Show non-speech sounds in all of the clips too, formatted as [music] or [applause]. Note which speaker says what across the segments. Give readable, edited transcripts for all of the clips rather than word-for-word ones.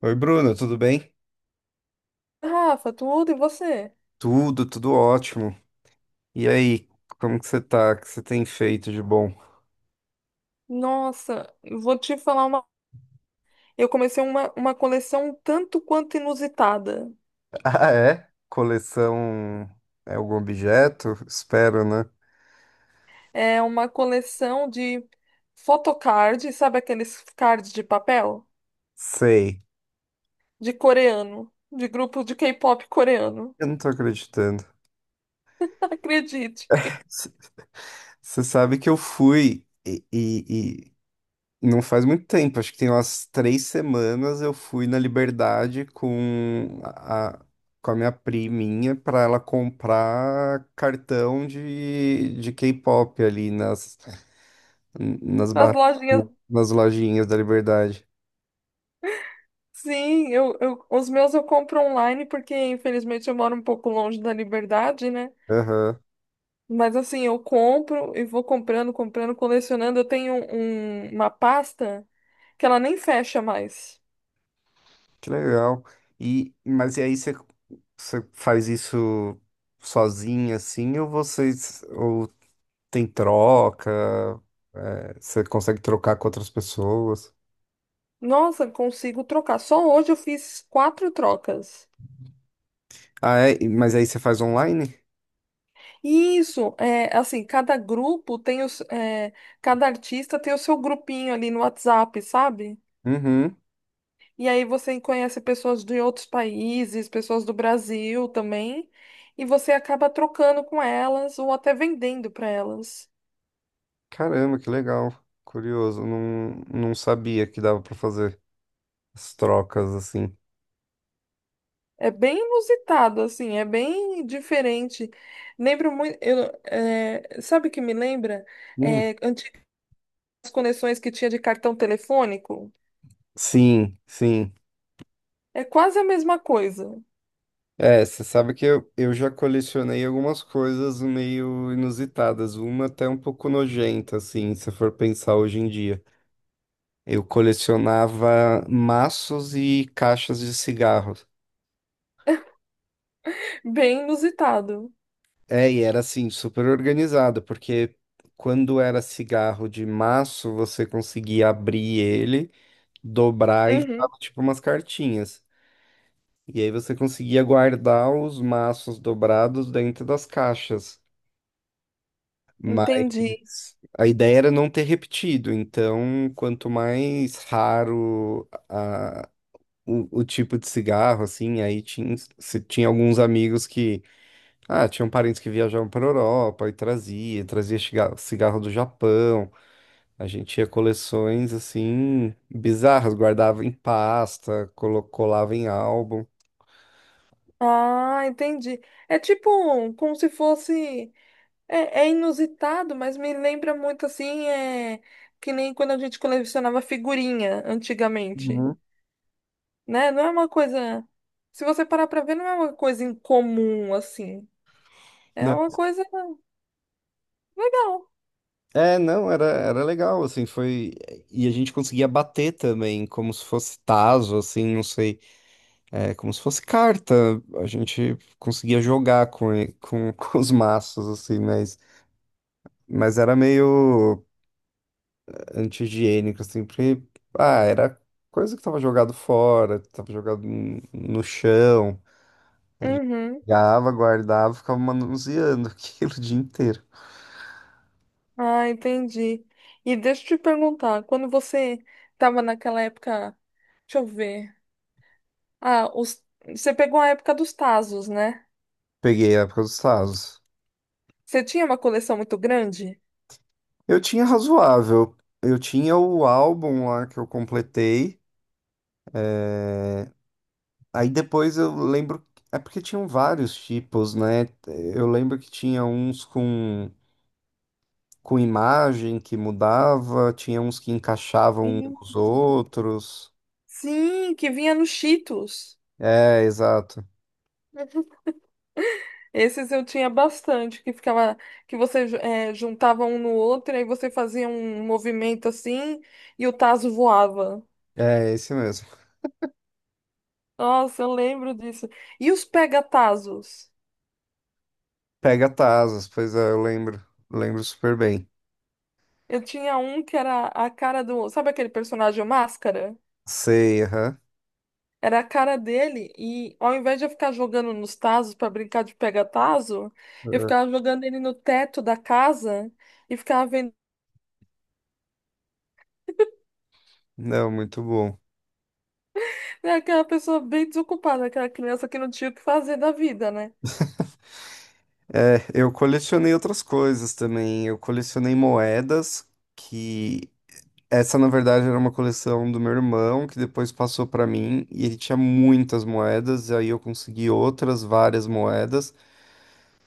Speaker 1: Oi, Bruno, tudo bem?
Speaker 2: Rafa, tudo e você?
Speaker 1: Tudo, ótimo. E aí, como que você tá? O que você tem feito de bom?
Speaker 2: Nossa, eu vou te falar uma. Eu comecei uma coleção tanto quanto inusitada.
Speaker 1: [laughs] Ah, é? Coleção é algum objeto? Espero, né?
Speaker 2: É uma coleção de photocard, sabe aqueles cards de papel?
Speaker 1: Sei.
Speaker 2: De coreano, de grupo de K-pop coreano.
Speaker 1: Eu não tô acreditando.
Speaker 2: [laughs] Acredite.
Speaker 1: C- Você sabe que eu fui e não faz muito tempo, acho que tem umas três semanas, eu fui na Liberdade com a minha priminha pra ela comprar cartão de K-pop ali nas. Nas
Speaker 2: Nas lojinhas.
Speaker 1: nas lojinhas da Liberdade.
Speaker 2: Sim, eu, os meus eu compro online porque infelizmente eu moro um pouco longe da Liberdade, né?
Speaker 1: Aham.
Speaker 2: Mas assim, eu compro e vou comprando, comprando, colecionando. Eu tenho uma pasta que ela nem fecha mais.
Speaker 1: Que legal. Mas e aí você faz isso sozinha, assim, ou tem troca, é, você consegue trocar com outras pessoas?
Speaker 2: Nossa, consigo trocar. Só hoje eu fiz quatro trocas.
Speaker 1: Ah, é? E mas aí você faz online?
Speaker 2: E isso, é assim, cada grupo tem os, é, cada artista tem o seu grupinho ali no WhatsApp, sabe?
Speaker 1: Uhum.
Speaker 2: E aí você conhece pessoas de outros países, pessoas do Brasil também, e você acaba trocando com elas ou até vendendo para elas.
Speaker 1: Caramba, que legal. Curioso, não sabia que dava pra fazer as trocas assim.
Speaker 2: É bem inusitado, assim, é bem diferente. Lembro muito, sabe o que me lembra?
Speaker 1: Hum.
Speaker 2: É, Conexões que tinha de cartão telefônico.
Speaker 1: Sim, sim.
Speaker 2: É quase a mesma coisa.
Speaker 1: É, você sabe que eu já colecionei algumas coisas meio inusitadas, uma até um pouco nojenta, assim, se for pensar hoje em dia. Eu colecionava maços e caixas de cigarros.
Speaker 2: Bem inusitado.
Speaker 1: É, e era assim, super organizado, porque quando era cigarro de maço, você conseguia abrir ele, dobrar e
Speaker 2: Uhum,
Speaker 1: ficava tipo umas cartinhas. E aí você conseguia guardar os maços dobrados dentro das caixas.
Speaker 2: entendi.
Speaker 1: Mas a ideia era não ter repetido, então quanto mais o tipo de cigarro, assim, aí tinha, se tinha alguns amigos que, ah, tinham parentes que viajavam para Europa e trazia cigarro do Japão, a gente tinha coleções, assim, bizarras, guardava em pasta, colava em álbum.
Speaker 2: Ah, entendi. É tipo como se fosse. É inusitado, mas me lembra muito assim, é que nem quando a gente colecionava figurinha antigamente,
Speaker 1: Uhum.
Speaker 2: né? Não é uma coisa. Se você parar pra ver, não é uma coisa incomum assim. É uma coisa legal.
Speaker 1: É, não, era legal, assim, foi. E a gente conseguia bater também, como se fosse tazo, assim, não sei, é, como se fosse carta. A gente conseguia jogar [laughs] com os maços, assim, mas era meio anti-higiênico, assim, porque, ah, era coisa que tava jogado fora, tava jogado no chão,
Speaker 2: Uhum.
Speaker 1: pegava, guardava, ficava manuseando [laughs] aquilo o dia inteiro.
Speaker 2: Ah, entendi. E deixa eu te perguntar, quando você estava naquela época, deixa eu ver. Ah, você pegou a época dos Tazos, né?
Speaker 1: Peguei a época dos tazos.
Speaker 2: Você tinha uma coleção muito grande?
Speaker 1: Eu tinha razoável. Eu tinha o álbum lá que eu completei. Aí depois eu lembro. É porque tinham vários tipos, né? Eu lembro que tinha com imagem que mudava, tinha uns que encaixavam os
Speaker 2: Isso.
Speaker 1: outros.
Speaker 2: Sim, que vinha nos Cheetos.
Speaker 1: É, exato.
Speaker 2: Uhum. Esses eu tinha bastante, que ficava, que você juntava um no outro, e aí você fazia um movimento assim e o tazo voava.
Speaker 1: É, esse mesmo.
Speaker 2: Nossa, eu lembro disso. E os pega-tazos?
Speaker 1: Pega Tasas, pois é, eu lembro. Lembro super bem.
Speaker 2: Eu tinha um que era a cara do. Sabe aquele personagem Máscara?
Speaker 1: Sei, aham.
Speaker 2: Era a cara dele, e ao invés de eu ficar jogando nos tazos pra brincar de pega-tazo, eu
Speaker 1: Ah,
Speaker 2: ficava jogando ele no teto da casa e ficava vendo.
Speaker 1: não, muito bom.
Speaker 2: É aquela pessoa bem desocupada, aquela criança que não tinha o que fazer da vida, né?
Speaker 1: É, eu colecionei outras coisas também. Eu colecionei moedas que essa, na verdade, era uma coleção do meu irmão, que depois passou para mim, e ele tinha muitas moedas, e aí eu consegui outras várias moedas.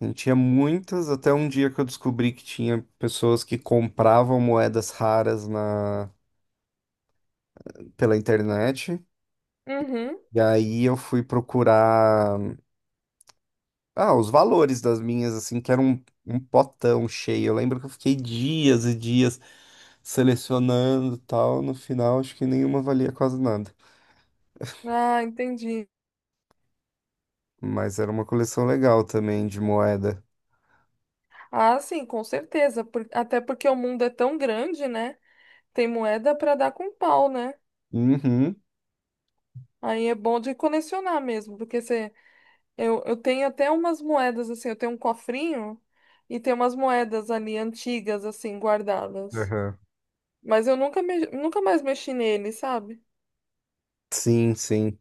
Speaker 1: Ele tinha muitas, até um dia que eu descobri que tinha pessoas que compravam moedas raras na pela internet.
Speaker 2: Uhum.
Speaker 1: E aí eu fui procurar ah, os valores das minhas, assim, que um potão cheio. Eu lembro que eu fiquei dias e dias selecionando e tal. No final, acho que nenhuma valia quase nada.
Speaker 2: Ah, entendi.
Speaker 1: Mas era uma coleção legal também de moeda.
Speaker 2: Ah, sim, com certeza. Até porque o mundo é tão grande, né? Tem moeda pra dar com pau, né?
Speaker 1: Uhum.
Speaker 2: Aí é bom de colecionar mesmo, porque você. Eu tenho até umas moedas, assim, eu tenho um cofrinho e tem umas moedas ali antigas, assim, guardadas.
Speaker 1: Aham.
Speaker 2: Mas eu nunca mais mexi nele, sabe?
Speaker 1: Sim, sim.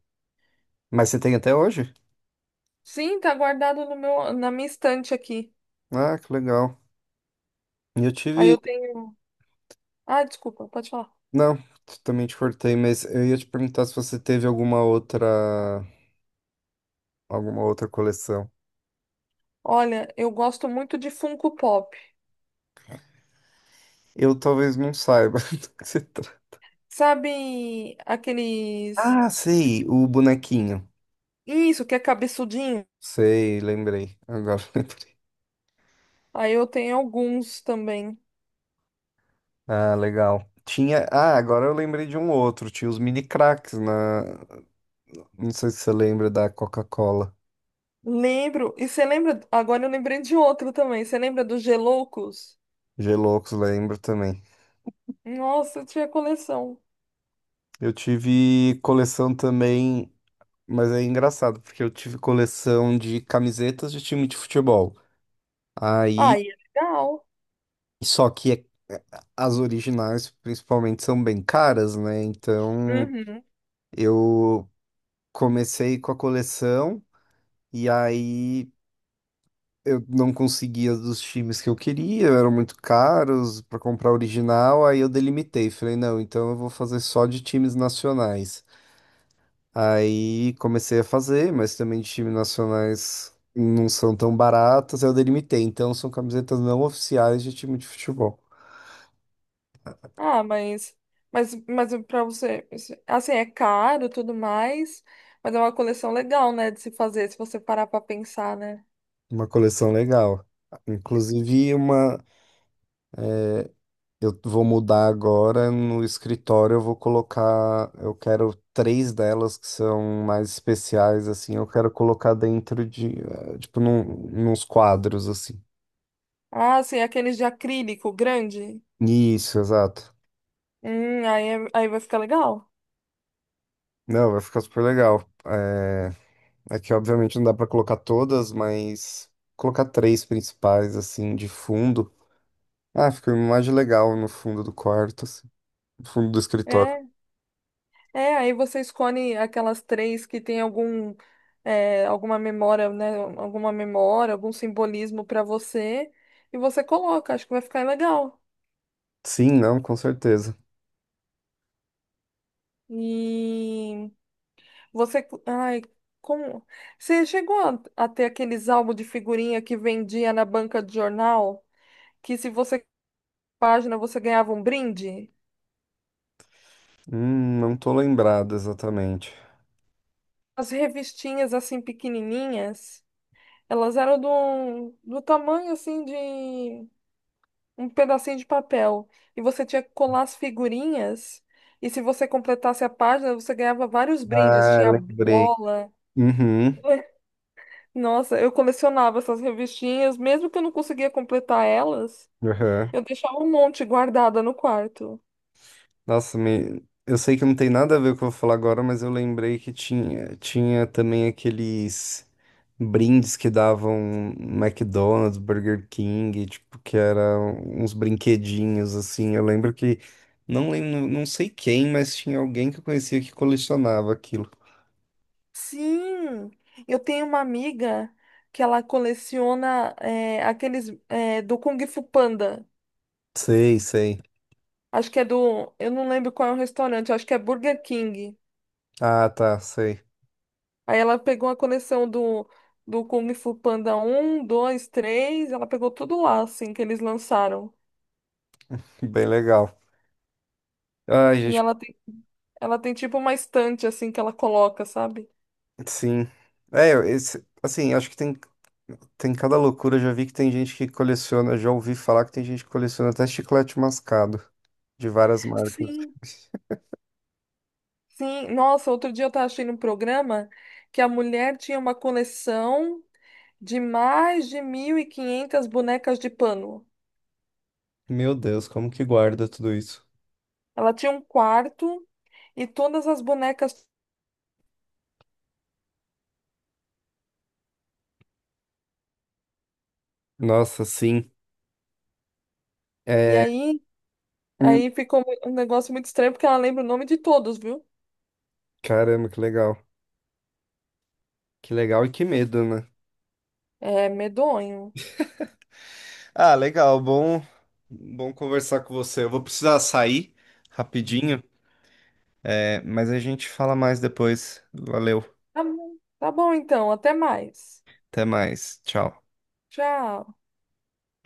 Speaker 1: Mas você tem até hoje?
Speaker 2: Sim, tá guardado no meu, na minha estante aqui.
Speaker 1: Ah, que legal. E eu
Speaker 2: Aí
Speaker 1: tive.
Speaker 2: eu tenho. Ah, desculpa, pode falar.
Speaker 1: Não, também te cortei, mas eu ia te perguntar se você teve alguma outra. Alguma outra coleção.
Speaker 2: Olha, eu gosto muito de Funko Pop.
Speaker 1: Eu talvez não saiba [laughs] do que se trata.
Speaker 2: Sabe aqueles.
Speaker 1: Ah, sei, o bonequinho.
Speaker 2: Isso, que é cabeçudinho?
Speaker 1: Sei, lembrei. Agora [laughs] lembrei.
Speaker 2: Aí eu tenho alguns também.
Speaker 1: Ah, legal. Tinha. Ah, agora eu lembrei de um outro. Tinha os mini cracks na. Não sei se você lembra da Coca-Cola.
Speaker 2: Lembro. E você lembra? Agora eu lembrei de outro também. Você lembra dos Geloucos?
Speaker 1: Geloucos, lembro também.
Speaker 2: Nossa, eu tinha coleção.
Speaker 1: Eu tive coleção também, mas é engraçado, porque eu tive coleção de camisetas de time de futebol. Aí,
Speaker 2: Ah, e é legal.
Speaker 1: só que é- é, as originais, principalmente, são bem caras, né? Então,
Speaker 2: Uhum.
Speaker 1: eu comecei com a coleção e aí eu não conseguia as dos times que eu queria, eram muito caros para comprar original, aí eu delimitei, falei, não, então eu vou fazer só de times nacionais. Aí comecei a fazer, mas também de time nacionais não são tão baratas, aí eu delimitei. Então são camisetas não oficiais de time de futebol.
Speaker 2: Ah, mas para você, assim, é caro tudo mais, mas é uma coleção legal, né, de se fazer, se você parar pra pensar, né?
Speaker 1: Uma coleção legal. Inclusive uma, eu vou mudar agora no escritório, eu vou colocar, eu quero três delas que são mais especiais assim, eu quero colocar dentro de, eh, nos quadros assim.
Speaker 2: Ah, sim, aqueles de acrílico grande.
Speaker 1: Isso, exato.
Speaker 2: Aí vai ficar legal.
Speaker 1: Não, vai ficar super legal. É, é que obviamente não dá pra colocar todas, mas colocar três principais, assim, de fundo. Ah, fica uma imagem legal no fundo do quarto, assim, no fundo do escritório.
Speaker 2: É, Aí você escolhe aquelas três que tem algum, alguma memória, né, alguma memória, algum simbolismo pra você, e você coloca, acho que vai ficar legal.
Speaker 1: Sim, não, com certeza.
Speaker 2: E Você, ai, Como você chegou a ter aqueles álbuns de figurinha que vendia na banca de jornal, que se você página você ganhava um brinde?
Speaker 1: Não tô lembrado exatamente.
Speaker 2: As revistinhas assim pequenininhas, elas eram do tamanho assim de um pedacinho de papel e você tinha que colar as figurinhas e se você completasse a página você ganhava vários brindes,
Speaker 1: Ah,
Speaker 2: tinha
Speaker 1: lembrei.
Speaker 2: bola.
Speaker 1: Uhum,
Speaker 2: [laughs] Nossa, eu colecionava essas revistinhas, mesmo que eu não conseguia completar elas.
Speaker 1: uhum.
Speaker 2: Eu deixava um monte guardada no quarto.
Speaker 1: Nossa, me... eu sei que não tem nada a ver com o que eu vou falar agora, mas eu lembrei que tinha, tinha também aqueles brindes que davam no McDonald's, Burger King, tipo, que eram uns brinquedinhos, assim. Eu lembro que, não lembro, não sei quem, mas tinha alguém que eu conhecia que colecionava aquilo.
Speaker 2: Sim, eu tenho uma amiga que ela coleciona aqueles do Kung Fu Panda.
Speaker 1: Sei, sei.
Speaker 2: Acho que é do. Eu não lembro qual é o restaurante, acho que é Burger King.
Speaker 1: Ah, tá, sei.
Speaker 2: Aí ela pegou a coleção do Kung Fu Panda 1, 2, 3. Ela pegou tudo lá, assim, que eles lançaram.
Speaker 1: Bem legal. Ai,
Speaker 2: E
Speaker 1: gente,
Speaker 2: ela tem tipo uma estante, assim, que ela coloca, sabe?
Speaker 1: sim. É, esse, assim, acho que tem. Tem cada loucura, eu já vi que tem gente que coleciona, já ouvi falar que tem gente que coleciona até chiclete mascado de várias marcas.
Speaker 2: Sim. Sim, nossa, outro dia eu estava assistindo um programa que a mulher tinha uma coleção de mais de 1.500 bonecas de pano.
Speaker 1: Meu Deus, como que guarda tudo isso?
Speaker 2: Ela tinha um quarto e todas as bonecas.
Speaker 1: Nossa, sim.
Speaker 2: E
Speaker 1: É,
Speaker 2: aí,
Speaker 1: hum,
Speaker 2: aí ficou um negócio muito estranho porque ela lembra o nome de todos, viu?
Speaker 1: caramba, que legal. Que legal e que medo, né?
Speaker 2: É medonho.
Speaker 1: Ah, legal, bom, bom conversar com você. Eu vou precisar sair rapidinho, é, mas a gente fala mais depois. Valeu,
Speaker 2: Tá bom então, até mais.
Speaker 1: até mais. Tchau.
Speaker 2: Tchau.